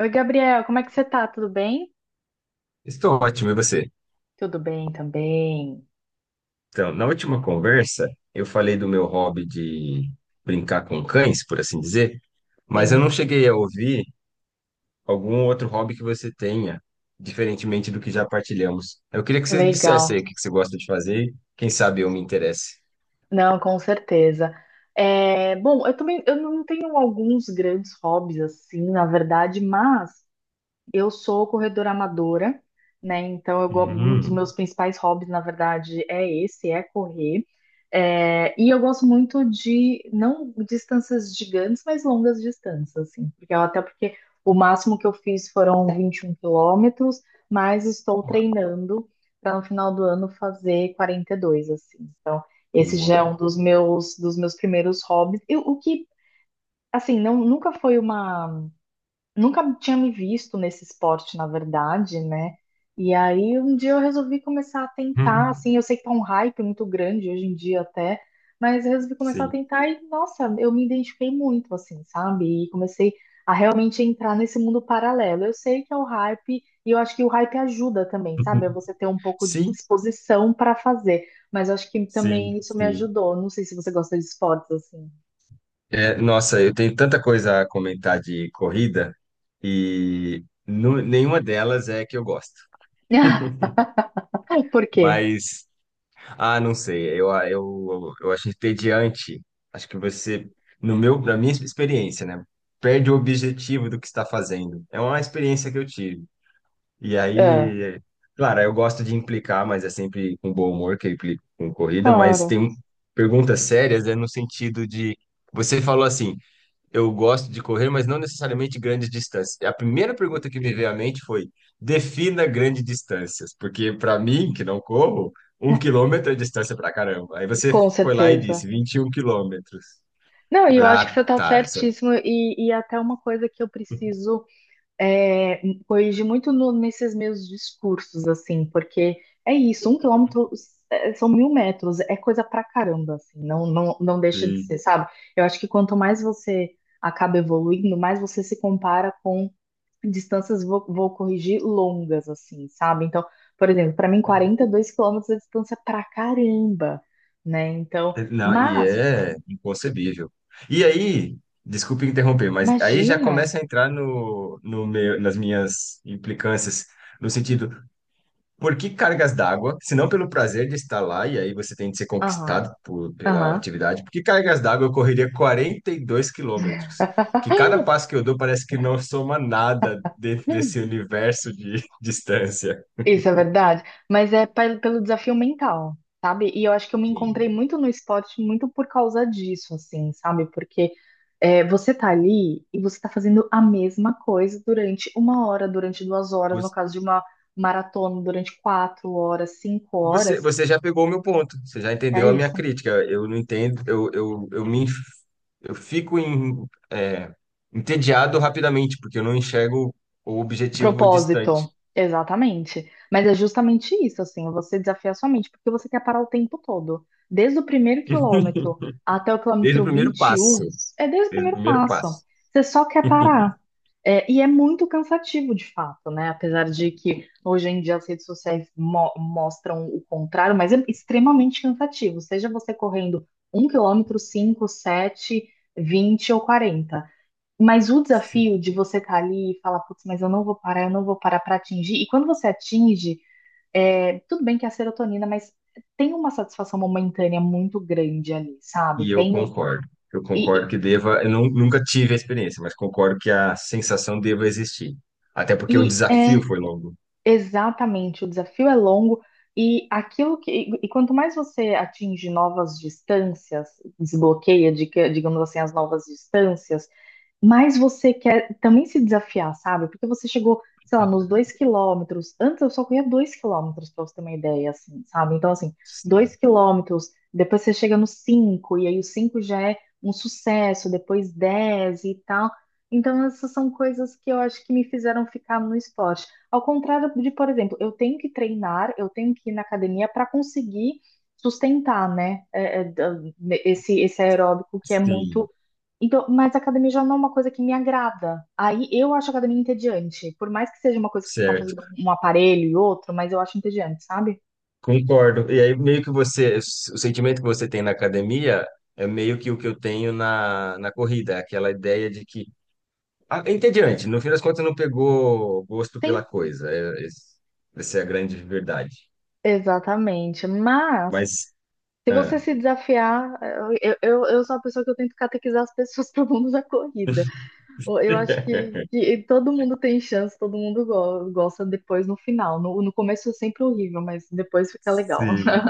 Oi, Gabriel, como é que você tá? Tudo bem? Estou ótimo, e você? Tudo bem também. Então, na última conversa, eu falei do meu hobby de brincar com cães, por assim dizer, mas eu não Sim, cheguei a ouvir algum outro hobby que você tenha, diferentemente do que já partilhamos. Eu queria que você dissesse legal. aí o que você gosta de fazer, e quem sabe eu me interesse. Não, com certeza. Bom, eu também eu não tenho alguns grandes hobbies assim, na verdade, mas eu sou corredora amadora, né? Então, um dos Hum, meus principais hobbies, na verdade, é esse, é correr. E eu gosto muito de, não distâncias gigantes, mas longas distâncias, assim. Até porque o máximo que eu fiz foram 21 quilômetros, mas estou ua- treinando para no final do ano fazer 42, assim. Então, esse já é ua- um dos meus primeiros hobbies. Eu- o que, assim, não, nunca foi uma nunca tinha me visto nesse esporte, na verdade, né? E aí um dia eu resolvi começar a tentar, assim. hum, Eu sei que tá um hype muito grande hoje em dia até, mas eu resolvi começar a Sim. tentar e, nossa, eu me identifiquei muito, assim, sabe? E comecei a realmente entrar nesse mundo paralelo. Eu sei que é o hype e eu acho que o hype ajuda também, sabe? É você ter um pouco de Sim, disposição para fazer, mas eu acho que sim, também isso me sim. ajudou. Não sei se você gosta de esportes, assim. É, nossa, eu tenho tanta coisa a comentar de corrida e nenhuma delas é que eu gosto. Por quê? Mas, ah, não sei, eu acho entediante. Acho que você, no meu, na minha experiência, né, perde o objetivo do que está fazendo. É uma experiência que eu tive. E É, aí, claro, eu gosto de implicar, mas é sempre com bom humor que eu implico com corrida, mas claro. tem perguntas sérias, é no sentido de, você falou assim, eu gosto de correr, mas não necessariamente grandes distâncias. A primeira pergunta que me veio à mente foi: defina grandes distâncias, porque para mim, que não corro, um quilômetro é distância pra caramba. Aí você Com foi lá e disse certeza. 21 quilômetros. Não, Eu e eu falei, acho que você ah, está tá. Essa... certíssimo, e até uma coisa que eu preciso é, corrigir muito nesses meus discursos, assim, porque é isso, um quilômetro é, são 1000 metros, é coisa pra caramba, assim. Não, não, não deixa de Sim, ser, sabe? Eu acho que quanto mais você acaba evoluindo, mais você se compara com distâncias, vou corrigir, longas, assim, sabe? Então, por exemplo, para mim, sim. 42 quilômetros é distância pra caramba, né? Então. Não, e Mas é inconcebível. E aí, desculpe interromper, mas aí já imagina. começa a entrar no, no meu, nas minhas implicâncias, no sentido. Por que cargas d'água? Se não pelo prazer de estar lá, e aí você tem de ser Aham, conquistado pela aham. atividade, por que cargas d'água eu correria 42 quilômetros? Que cada passo que eu dou parece que não soma nada dentro desse universo de distância. Isso é verdade. Mas é pelo desafio mental, sabe? E eu acho que eu me Sim. encontrei muito no esporte, muito por causa disso, assim, sabe? Porque é, você tá ali e você tá fazendo a mesma coisa durante uma hora, durante duas horas, no Os- caso de uma maratona, durante quatro horas, cinco Você, horas. Já pegou o meu ponto, você já É entendeu a minha isso. crítica. Eu não entendo, eu fico em, é, entediado rapidamente, porque eu não enxergo o objetivo distante. Propósito, exatamente. Mas é justamente isso, assim, você desafiar sua mente, porque você quer parar o tempo todo. Desde o primeiro quilômetro até o Desde o quilômetro primeiro vinte e passo, um é desde o desde o primeiro primeiro passo. passo. Você só quer parar. É, e é muito cansativo, de fato, né? Apesar de que hoje em dia as redes sociais mostram o contrário, mas é extremamente cansativo. Seja você correndo um quilômetro, cinco, sete, vinte ou quarenta, mas o Sim. desafio de você estar ali e falar, putz, mas eu não vou parar, eu não vou parar para atingir. E quando você atinge, é, tudo bem que é a serotonina, mas tem uma satisfação momentânea muito grande ali, sabe? E eu Tem um, concordo. Eu concordo e, e que deva. Eu nunca tive a experiência, mas concordo que a sensação deva existir. Até porque o e é desafio foi longo. exatamente, o desafio é longo e aquilo que e quanto mais você atinge novas distâncias, desbloqueia, digamos assim, as novas distâncias. Mas você quer também se desafiar, sabe? Porque você chegou, sei lá, nos dois quilômetros. Antes eu só corria dois quilômetros, pra você ter uma ideia, assim, sabe? Então, assim, Sim, dois quilômetros, depois você chega nos cinco, e aí os cinco já é um sucesso, depois dez e tal. Então, essas são coisas que eu acho que me fizeram ficar no esporte. Ao contrário de, por exemplo, eu tenho que treinar, eu tenho que ir na academia para conseguir sustentar, né? Esse, esse aeróbico que é sim, muito então, mas a academia já não é uma coisa que me agrada. Aí eu acho a academia entediante. Por mais que seja uma coisa que você está certo. fazendo um aparelho e outro, mas eu acho entediante, sabe? Concordo. E aí, meio que você, o sentimento que você tem na academia é meio que o que eu tenho na corrida, é aquela ideia de que. Ah, é entediante, no fim das contas não pegou gosto Sim. pela coisa. Essa é a grande verdade. Exatamente. Mas, Mas, se você ah. se desafiar, eu sou a pessoa que eu tento catequizar as pessoas para o mundo da corrida. Eu acho que, que todo mundo tem chance, todo mundo gosta depois no final. No começo é sempre horrível, mas depois fica legal. Sim.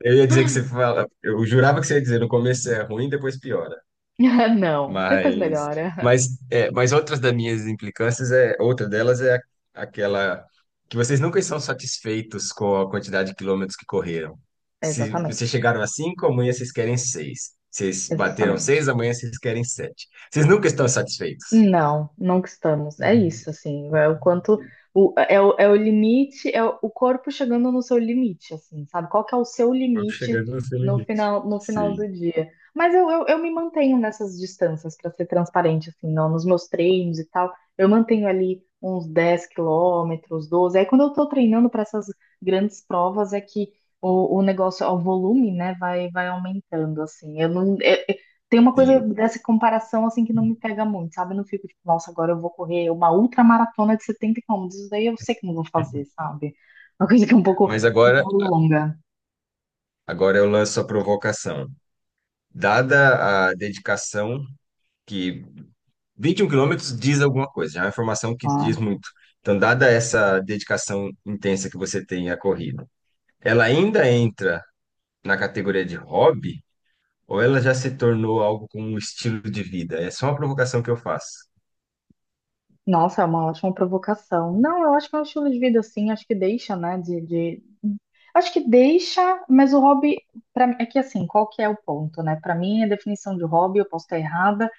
Eu ia dizer que você fala, eu jurava que você ia dizer, no começo é ruim, depois piora. Não, depois Mas, melhora. É, mas outras das minhas implicâncias é, outra delas é aquela que vocês nunca estão satisfeitos com a quantidade de quilômetros que correram. Se vocês Exatamente. chegaram a cinco, amanhã vocês querem seis. Vocês bateram seis, Exatamente. amanhã vocês querem sete. Vocês nunca estão satisfeitos. Não, nunca estamos. É Uhum. isso, assim, é o quanto é o limite, é o corpo chegando no seu limite, assim, sabe? Qual que é o seu Vamos limite chegando no seu no limite. final, no final Sim. do dia? Mas eu me mantenho nessas distâncias, para ser transparente, assim, não, nos meus treinos e tal, eu mantenho ali uns 10 quilômetros, 12. Aí quando eu tô treinando para essas grandes provas é que o negócio, o volume, né, vai aumentando, assim. Eu não, tem uma coisa Sim. dessa comparação assim que não me pega muito, sabe? Eu não fico tipo, nossa, agora eu vou correr uma ultramaratona de 70 quilômetros. Isso daí eu sei que não vou fazer, sabe? É uma coisa que é Mas um agora, pouco longa. agora eu lanço a provocação. Dada a dedicação que 21 quilômetros diz alguma coisa, já é uma informação que diz Claro. muito. Então, dada essa dedicação intensa que você tem à corrida, ela ainda entra na categoria de hobby ou ela já se tornou algo com um estilo de vida? É só uma provocação que eu faço. Nossa, é uma ótima provocação. Não, eu acho que é um estilo de vida assim, acho que deixa, né? De... acho que deixa, mas o hobby, pra... é que assim, qual que é o ponto, né? Para mim, a definição de hobby, eu posso estar errada,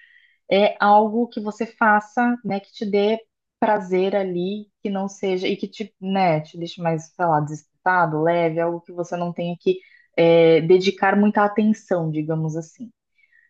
é algo que você faça, né, que te dê prazer ali, que não seja, e que te, né, te deixe mais, sei lá, desesperado, leve, algo que você não tenha que dedicar muita atenção, digamos assim.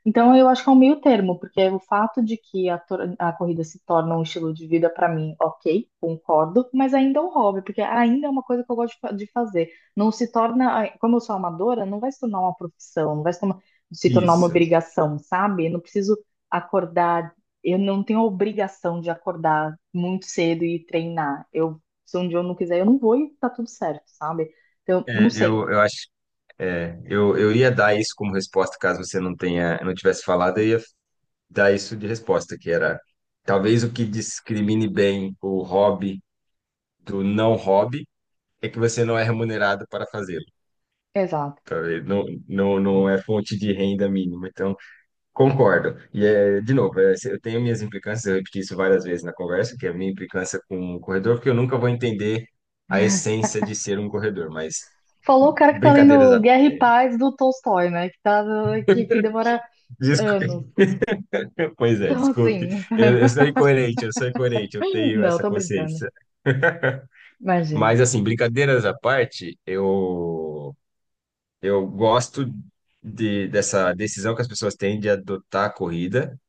Então, eu acho que é um meio termo, porque é o fato de que a corrida se torna um estilo de vida para mim, ok, concordo, mas ainda é um hobby, porque ainda é uma coisa que eu gosto de de fazer. Não se torna, como eu sou amadora, não vai se tornar uma profissão, não vai se tornar, se tornar uma Isso. obrigação, sabe? Eu não preciso acordar, eu não tenho a obrigação de acordar muito cedo e treinar. Eu, se um dia eu não quiser, eu não vou e tá tudo certo, sabe? Então, não É, sei. Eu acho, é, eu ia dar isso como resposta caso você não tivesse falado, eu ia dar isso de resposta, que era talvez o que discrimine bem o hobby do não hobby é que você não é remunerado para fazer. Exato. Tá, e não, não, não é fonte de renda mínima, então concordo. E é, de novo, eu tenho minhas implicâncias, eu repeti isso várias vezes na conversa, que é a minha implicância com o corredor, porque eu nunca vou entender a essência de ser um corredor, mas Falou o cara que tá brincadeiras lendo à... Guerra e Paz do Tolstói, né? Que, tá, que demora anos. Desculpe. Pois é, Então, desculpe. assim. Eu sou incoerente, eu sou incoerente, eu tenho Não, essa tô brincando. consciência. Imagina. Mas assim, brincadeiras à parte, eu gosto dessa decisão que as pessoas têm de adotar a corrida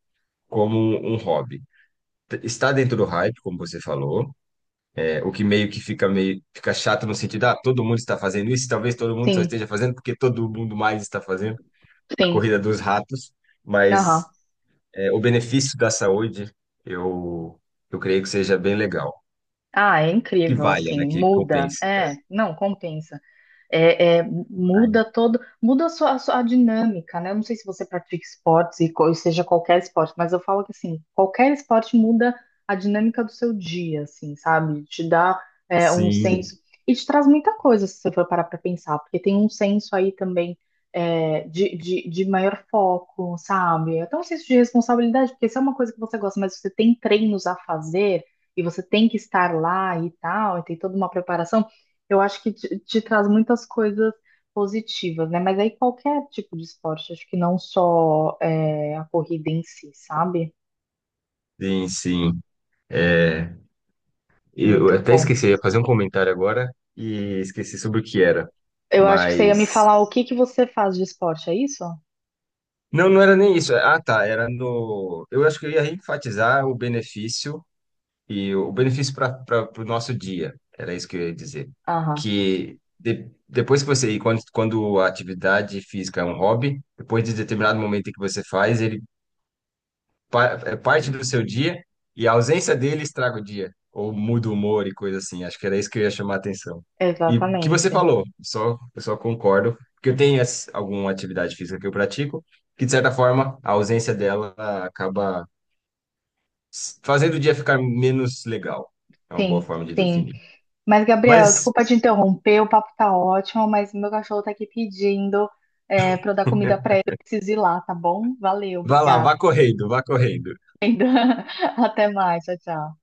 como um hobby. Está dentro do hype, como você falou. É, o que meio que fica chato no sentido, ah, todo mundo está fazendo isso, talvez todo mundo só Sim, esteja fazendo porque todo mundo mais está fazendo a sim. corrida dos ratos, Aham. mas é, o benefício da saúde, eu eu creio que seja bem legal, Ah, é que incrível, valha, né, assim. que Muda. compense. É, não, compensa. Ai, Muda todo, muda a sua dinâmica, né? Eu não sei se você pratica esportes e seja qualquer esporte, mas eu falo que assim, qualquer esporte muda a dinâmica do seu dia, assim, sabe? Te dá um senso sim, e te traz muita coisa se você for parar para pensar, porque tem um senso aí também de maior foco, sabe? Até um senso de responsabilidade, porque se é uma coisa que você gosta, mas você tem treinos a fazer e você tem que estar lá e tal, e tem toda uma preparação. Eu acho que te traz muitas coisas positivas, né? Mas aí qualquer tipo de esporte, acho que não só é, a corrida em si, sabe? sim, sim. É, eu Muito até bom. esqueci, eu ia fazer um comentário agora e esqueci sobre o que era, Eu acho que você ia me mas falar o que que você faz de esporte, é isso? não, não era nem isso. É, ah, tá. Era no. Eu acho que eu ia enfatizar o benefício e o benefício para o nosso dia. Era isso que eu ia dizer. Aham, Depois que você. E quando a atividade física é um hobby, depois de determinado momento em que você faz, ele é parte do seu dia e a ausência dele estraga o dia, ou muda o humor e coisa assim. Acho que era isso que eu ia chamar a atenção. E o que você exatamente. falou, só, eu só concordo, porque eu tenho alguma atividade física que eu pratico, que de certa forma a ausência dela acaba fazendo o dia ficar menos legal. É uma boa Sim, forma de sim. definir. Mas, Gabriel, Mas desculpa te interromper, o papo tá ótimo, mas meu cachorro tá aqui pedindo pra eu dar comida pra ele, eu preciso ir lá, tá bom? Valeu, vá lá, obrigada. vá correndo, vá correndo. Até mais, tchau, tchau.